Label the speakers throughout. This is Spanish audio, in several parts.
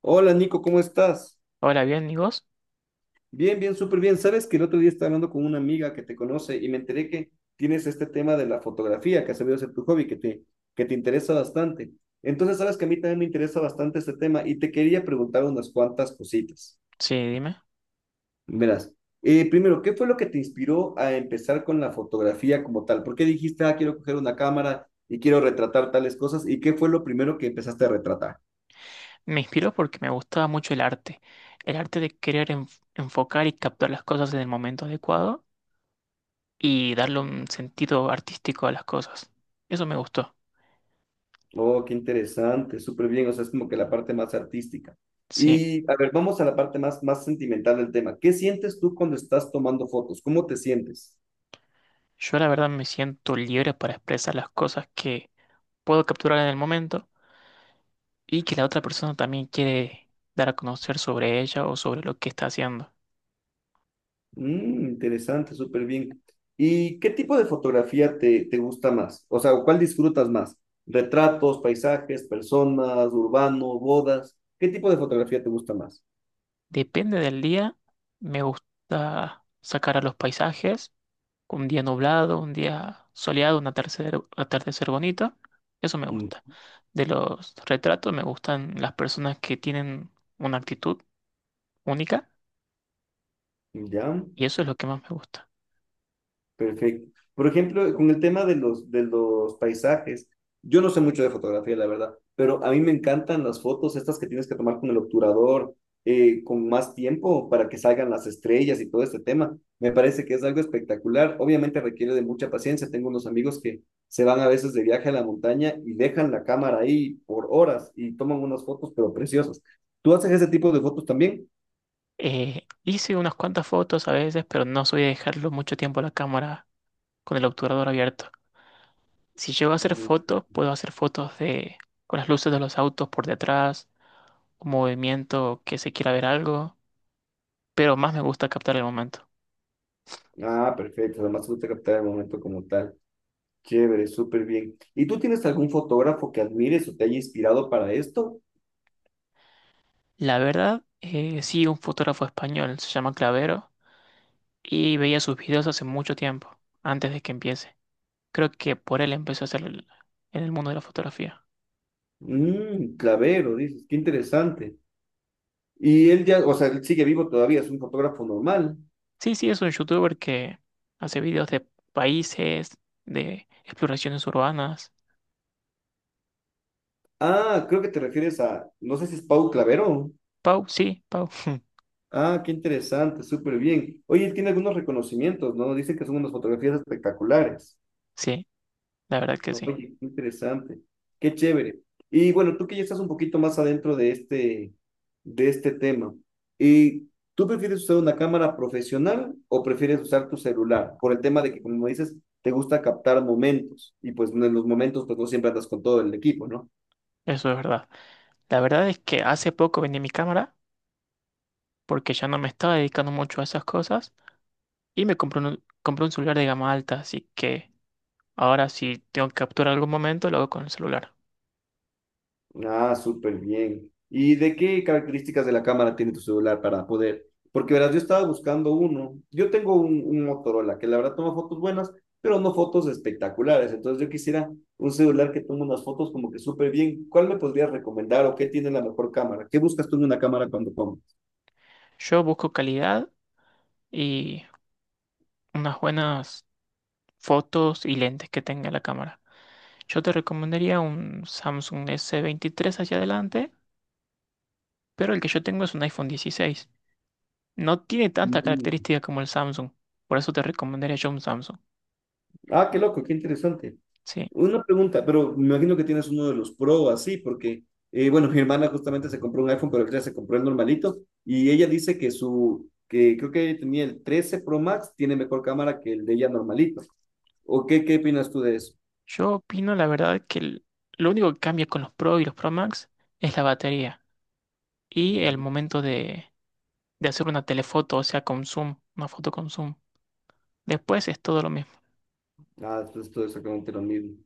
Speaker 1: Hola Nico, ¿cómo estás?
Speaker 2: Hola, bien, ¿y vos?
Speaker 1: Bien, bien, súper bien. Sabes que el otro día estaba hablando con una amiga que te conoce y me enteré que tienes este tema de la fotografía, que has sabido ser tu hobby, que te interesa bastante. Entonces, sabes que a mí también me interesa bastante este tema y te quería preguntar unas cuantas cositas.
Speaker 2: Sí, dime.
Speaker 1: Verás, primero, ¿qué fue lo que te inspiró a empezar con la fotografía como tal? ¿Por qué dijiste, ah, quiero coger una cámara y quiero retratar tales cosas? ¿Y qué fue lo primero que empezaste a retratar?
Speaker 2: Me inspiró porque me gustaba mucho el arte. El arte de querer enfocar y captar las cosas en el momento adecuado y darle un sentido artístico a las cosas. Eso me gustó.
Speaker 1: Oh, qué interesante, súper bien, o sea, es como que la parte más artística.
Speaker 2: Sí,
Speaker 1: Y a ver, vamos a la parte más, más sentimental del tema. ¿Qué sientes tú cuando estás tomando fotos? ¿Cómo te sientes?
Speaker 2: yo la verdad me siento libre para expresar las cosas que puedo capturar en el momento y que la otra persona también quiere dar a conocer sobre ella o sobre lo que está haciendo.
Speaker 1: Interesante, súper bien. ¿Y qué tipo de fotografía te gusta más? O sea, ¿cuál disfrutas más? ¿Retratos, paisajes, personas, urbano, bodas? ¿Qué tipo de fotografía te gusta más?
Speaker 2: Depende del día, me gusta sacar a los paisajes. Un día nublado, un día soleado, un atardecer, atardecer bonito. Eso me
Speaker 1: Mm.
Speaker 2: gusta. De los retratos me gustan las personas que tienen una actitud única
Speaker 1: ¿Ya?
Speaker 2: y eso es lo que más me gusta.
Speaker 1: Perfecto. Por ejemplo, con el tema de los paisajes, yo no sé mucho de fotografía, la verdad, pero a mí me encantan las fotos estas que tienes que tomar con el obturador, con más tiempo para que salgan las estrellas y todo este tema. Me parece que es algo espectacular. Obviamente requiere de mucha paciencia. Tengo unos amigos que se van a veces de viaje a la montaña y dejan la cámara ahí por horas y toman unas fotos, pero preciosas. ¿Tú haces ese tipo de fotos también?
Speaker 2: Hice unas cuantas fotos a veces, pero no soy de dejarlo mucho tiempo a la cámara con el obturador abierto. Si llego a hacer
Speaker 1: Mm.
Speaker 2: fotos, puedo hacer fotos de con las luces de los autos por detrás, un movimiento que se quiera ver algo, pero más me gusta captar el momento.
Speaker 1: Ah, perfecto. Además, tú te captar el momento como tal. Chévere, súper bien. ¿Y tú tienes algún fotógrafo que admires o te haya inspirado para esto?
Speaker 2: La verdad, sí, un fotógrafo español, se llama Clavero, y veía sus videos hace mucho tiempo, antes de que empiece. Creo que por él empezó a hacer en el mundo de la fotografía.
Speaker 1: Clavero, dices, qué interesante. Y él ya, o sea, él sigue vivo todavía, es un fotógrafo normal.
Speaker 2: Sí, sí, es un youtuber que hace videos de países, de exploraciones urbanas.
Speaker 1: Ah, creo que te refieres a, no sé si es Pau Clavero.
Speaker 2: Pau, sí, Pau.
Speaker 1: Ah, qué interesante, súper bien. Oye, él tiene algunos reconocimientos, ¿no? Dicen que son unas fotografías espectaculares.
Speaker 2: Sí, la verdad que sí,
Speaker 1: Oye, qué interesante, qué chévere. Y bueno, tú que ya estás un poquito más adentro de este tema, ¿y tú prefieres usar una cámara profesional o prefieres usar tu celular? Por el tema de que, como dices, te gusta captar momentos y pues en los momentos pues no siempre andas con todo el equipo, ¿no?
Speaker 2: eso es verdad. La verdad es que hace poco vendí mi cámara porque ya no me estaba dedicando mucho a esas cosas y me compré un celular de gama alta, así que... Ahora, si tengo que capturar algún momento, lo hago con el celular.
Speaker 1: Ah, súper bien. ¿Y de qué características de la cámara tiene tu celular para poder? Porque verás, yo estaba buscando uno. Yo tengo un Motorola que la verdad toma fotos buenas, pero no fotos espectaculares. Entonces yo quisiera un celular que tome unas fotos como que súper bien. ¿Cuál me podrías recomendar o qué tiene la mejor cámara? ¿Qué buscas tú en una cámara cuando compras?
Speaker 2: Yo busco calidad y unas buenas fotos y lentes que tenga la cámara. Yo te recomendaría un Samsung S23 hacia adelante, pero el que yo tengo es un iPhone 16. No tiene tanta
Speaker 1: Mm.
Speaker 2: característica como el Samsung, por eso te recomendaría yo un Samsung.
Speaker 1: Ah, qué loco, qué interesante.
Speaker 2: Sí,
Speaker 1: Una pregunta, pero me imagino que tienes uno de los Pro así, porque, bueno, mi hermana justamente se compró un iPhone, pero ella se compró el normalito, y ella dice que creo que tenía el 13 Pro Max, tiene mejor cámara que el de ella normalito. ¿O qué opinas tú de eso?
Speaker 2: yo opino la verdad que lo único que cambia con los Pro y los Pro Max es la batería y el
Speaker 1: Mm.
Speaker 2: momento de hacer una telefoto, o sea, con zoom, una foto con zoom. Después es todo lo mismo.
Speaker 1: Ah, esto es todo exactamente lo mismo.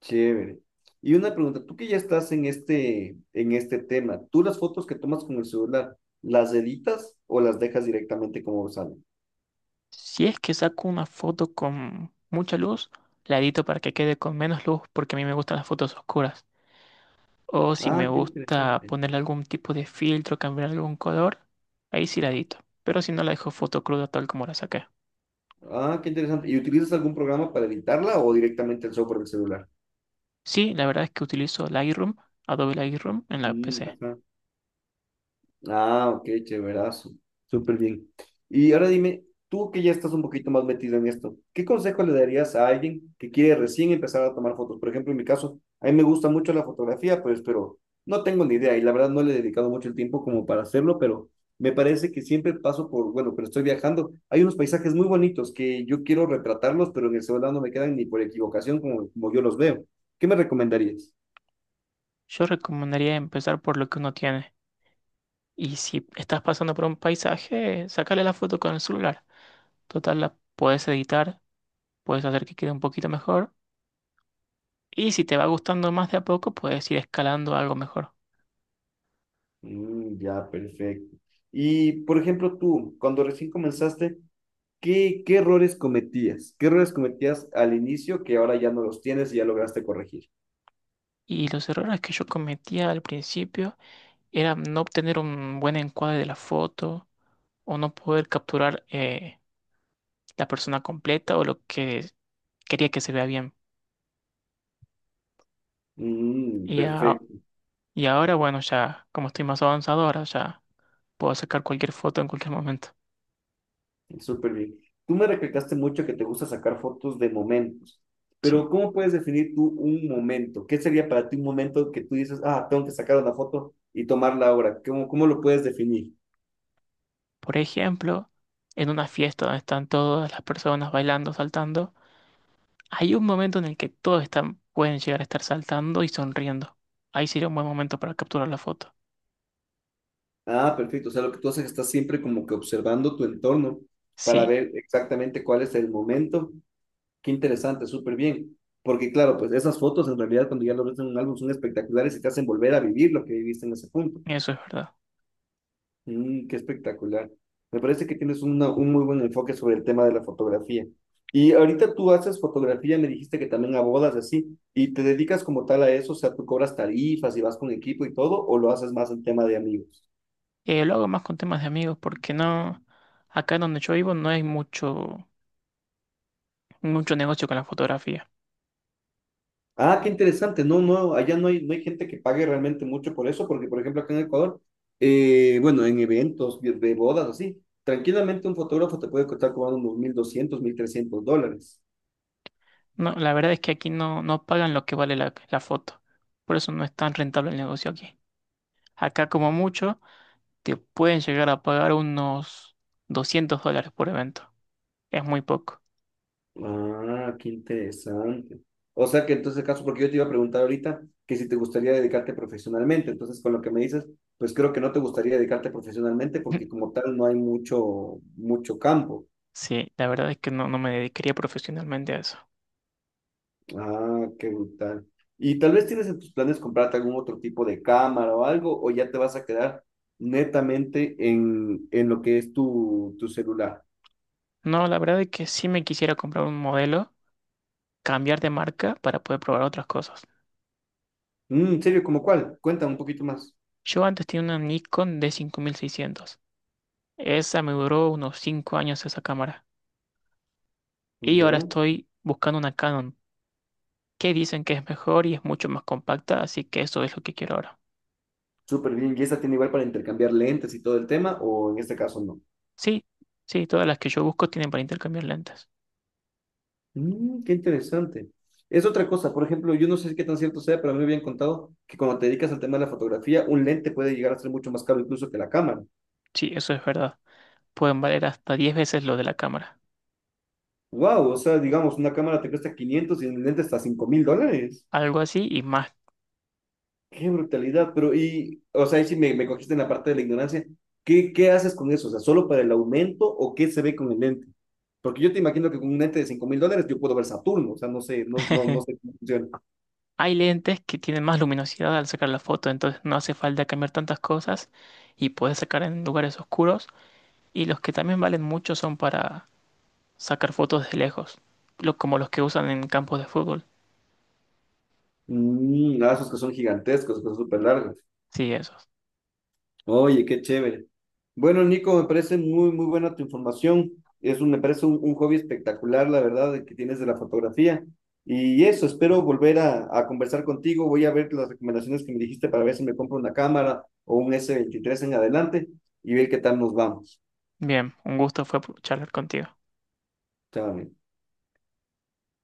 Speaker 1: Chévere. Y una pregunta, tú que ya estás en este tema, ¿tú las fotos que tomas con el celular, las editas o las dejas directamente como salen?
Speaker 2: Si es que saco una foto con mucha luz, la edito para que quede con menos luz porque a mí me gustan las fotos oscuras. O si me
Speaker 1: Ah, qué
Speaker 2: gusta
Speaker 1: interesante.
Speaker 2: ponerle algún tipo de filtro, cambiar algún color, ahí sí la edito. Pero si no, la dejo foto cruda tal como la saqué.
Speaker 1: Ah, qué interesante. ¿Y utilizas algún programa para editarla o directamente el software del celular?
Speaker 2: Sí, la verdad es que utilizo Lightroom, Adobe Lightroom, en la
Speaker 1: Mm.
Speaker 2: PC.
Speaker 1: Ajá. Ah, ok, chéverazo. Súper bien. Y ahora dime, tú que ya estás un poquito más metido en esto, ¿qué consejo le darías a alguien que quiere recién empezar a tomar fotos? Por ejemplo, en mi caso, a mí me gusta mucho la fotografía, pues, pero no tengo ni idea y la verdad no le he dedicado mucho el tiempo como para hacerlo, pero me parece que siempre paso por, bueno, pero estoy viajando. Hay unos paisajes muy bonitos que yo quiero retratarlos, pero en el celular no me quedan ni por equivocación como yo los veo. ¿Qué me recomendarías?
Speaker 2: Yo recomendaría empezar por lo que uno tiene. Y si estás pasando por un paisaje, sácale la foto con el celular. Total, la puedes editar, puedes hacer que quede un poquito mejor. Y si te va gustando más de a poco, puedes ir escalando a algo mejor.
Speaker 1: Mm, ya, perfecto. Y, por ejemplo, tú, cuando recién comenzaste, ¿qué errores cometías? ¿Qué errores cometías al inicio que ahora ya no los tienes y ya lograste corregir?
Speaker 2: Y los errores que yo cometía al principio eran no obtener un buen encuadre de la foto o no poder capturar la persona completa o lo que quería que se vea bien.
Speaker 1: Mm,
Speaker 2: Y, a-
Speaker 1: perfecto,
Speaker 2: y ahora, bueno, ya como estoy más avanzado, ahora ya puedo sacar cualquier foto en cualquier momento.
Speaker 1: súper bien. Tú me recalcaste mucho que te gusta sacar fotos de momentos,
Speaker 2: Sí.
Speaker 1: pero ¿cómo puedes definir tú un momento? ¿Qué sería para ti un momento que tú dices, ah, tengo que sacar una foto y tomarla ahora? ¿Cómo lo puedes definir?
Speaker 2: Por ejemplo, en una fiesta donde están todas las personas bailando, saltando. Hay un momento en el que todos están, pueden llegar a estar saltando y sonriendo. Ahí sería un buen momento para capturar la foto.
Speaker 1: Ah, perfecto. O sea, lo que tú haces es que estás siempre como que observando tu entorno para
Speaker 2: Sí,
Speaker 1: ver exactamente cuál es el momento. Qué interesante, súper bien. Porque claro, pues esas fotos en realidad cuando ya lo ves en un álbum son espectaculares y te hacen volver a vivir lo que viviste en ese punto.
Speaker 2: eso es verdad.
Speaker 1: Qué espectacular. Me parece que tienes un muy buen enfoque sobre el tema de la fotografía. Y ahorita tú haces fotografía, me dijiste que también a bodas así, y te dedicas como tal a eso, o sea, tú cobras tarifas y vas con equipo y todo, o lo haces más en tema de amigos.
Speaker 2: Lo hago más con temas de amigos porque no, acá donde yo vivo no hay mucho, mucho negocio con la fotografía.
Speaker 1: Ah, qué interesante. No, no, allá no hay gente que pague realmente mucho por eso, porque por ejemplo acá en Ecuador, bueno, en eventos de bodas así, tranquilamente un fotógrafo te puede costar cobrando unos 1.200, $1.300.
Speaker 2: No, la verdad es que aquí no, no pagan lo que vale la foto. Por eso no es tan rentable el negocio aquí. Acá como mucho te pueden llegar a pagar unos $200 por evento. Es muy poco.
Speaker 1: Ah, qué interesante. O sea que entonces caso, porque yo te iba a preguntar ahorita que si te gustaría dedicarte profesionalmente, entonces con lo que me dices, pues creo que no te gustaría dedicarte profesionalmente porque como tal no hay mucho, mucho campo.
Speaker 2: Sí, la verdad es que no, no me dedicaría profesionalmente a eso.
Speaker 1: Ah, qué brutal. ¿Y tal vez tienes en tus planes comprarte algún otro tipo de cámara o algo, o ya te vas a quedar netamente en lo que es tu celular?
Speaker 2: No, la verdad es que sí me quisiera comprar un modelo, cambiar de marca para poder probar otras cosas.
Speaker 1: ¿En serio? ¿Cómo cuál? Cuéntame un poquito más.
Speaker 2: Yo antes tenía una Nikon D5600. Esa me duró unos 5 años esa cámara. Y ahora
Speaker 1: Ya,
Speaker 2: estoy buscando una Canon, que dicen que es mejor y es mucho más compacta, así que eso es lo que quiero ahora.
Speaker 1: súper bien. ¿Y esta tiene igual para intercambiar lentes y todo el tema, o en este caso no?
Speaker 2: Sí, sí, todas las que yo busco tienen para intercambiar lentes.
Speaker 1: Qué interesante. Es otra cosa, por ejemplo, yo no sé qué tan cierto sea, pero a mí me habían contado que cuando te dedicas al tema de la fotografía, un lente puede llegar a ser mucho más caro incluso que la cámara.
Speaker 2: Sí, eso es verdad. Pueden valer hasta 10 veces lo de la cámara.
Speaker 1: Wow, o sea, digamos, una cámara te cuesta 500 y un lente hasta $5.000.
Speaker 2: Algo así y más.
Speaker 1: Qué brutalidad, pero y, o sea, ahí sí me cogiste en la parte de la ignorancia. ¿Qué haces con eso? O sea, ¿solo para el aumento o qué se ve con el lente? Porque yo te imagino que con un lente de $5.000 yo puedo ver Saturno, o sea, no sé, no, no, no sé cómo funciona.
Speaker 2: Hay lentes que tienen más luminosidad al sacar la foto, entonces no hace falta cambiar tantas cosas y puedes sacar en lugares oscuros. Y los que también valen mucho son para sacar fotos de lejos, como los que usan en campos de fútbol.
Speaker 1: Ah, esos que son gigantescos, que son súper largos.
Speaker 2: Sí, esos.
Speaker 1: Oye, qué chévere. Bueno, Nico, me parece muy, muy buena tu información. Me parece un hobby espectacular, la verdad, que tienes de la fotografía. Y eso, espero volver a conversar contigo. Voy a ver las recomendaciones que me dijiste para ver si me compro una cámara o un S23 en adelante y ver qué tal nos vamos.
Speaker 2: Bien, un gusto fue charlar contigo.
Speaker 1: Chao, amigo.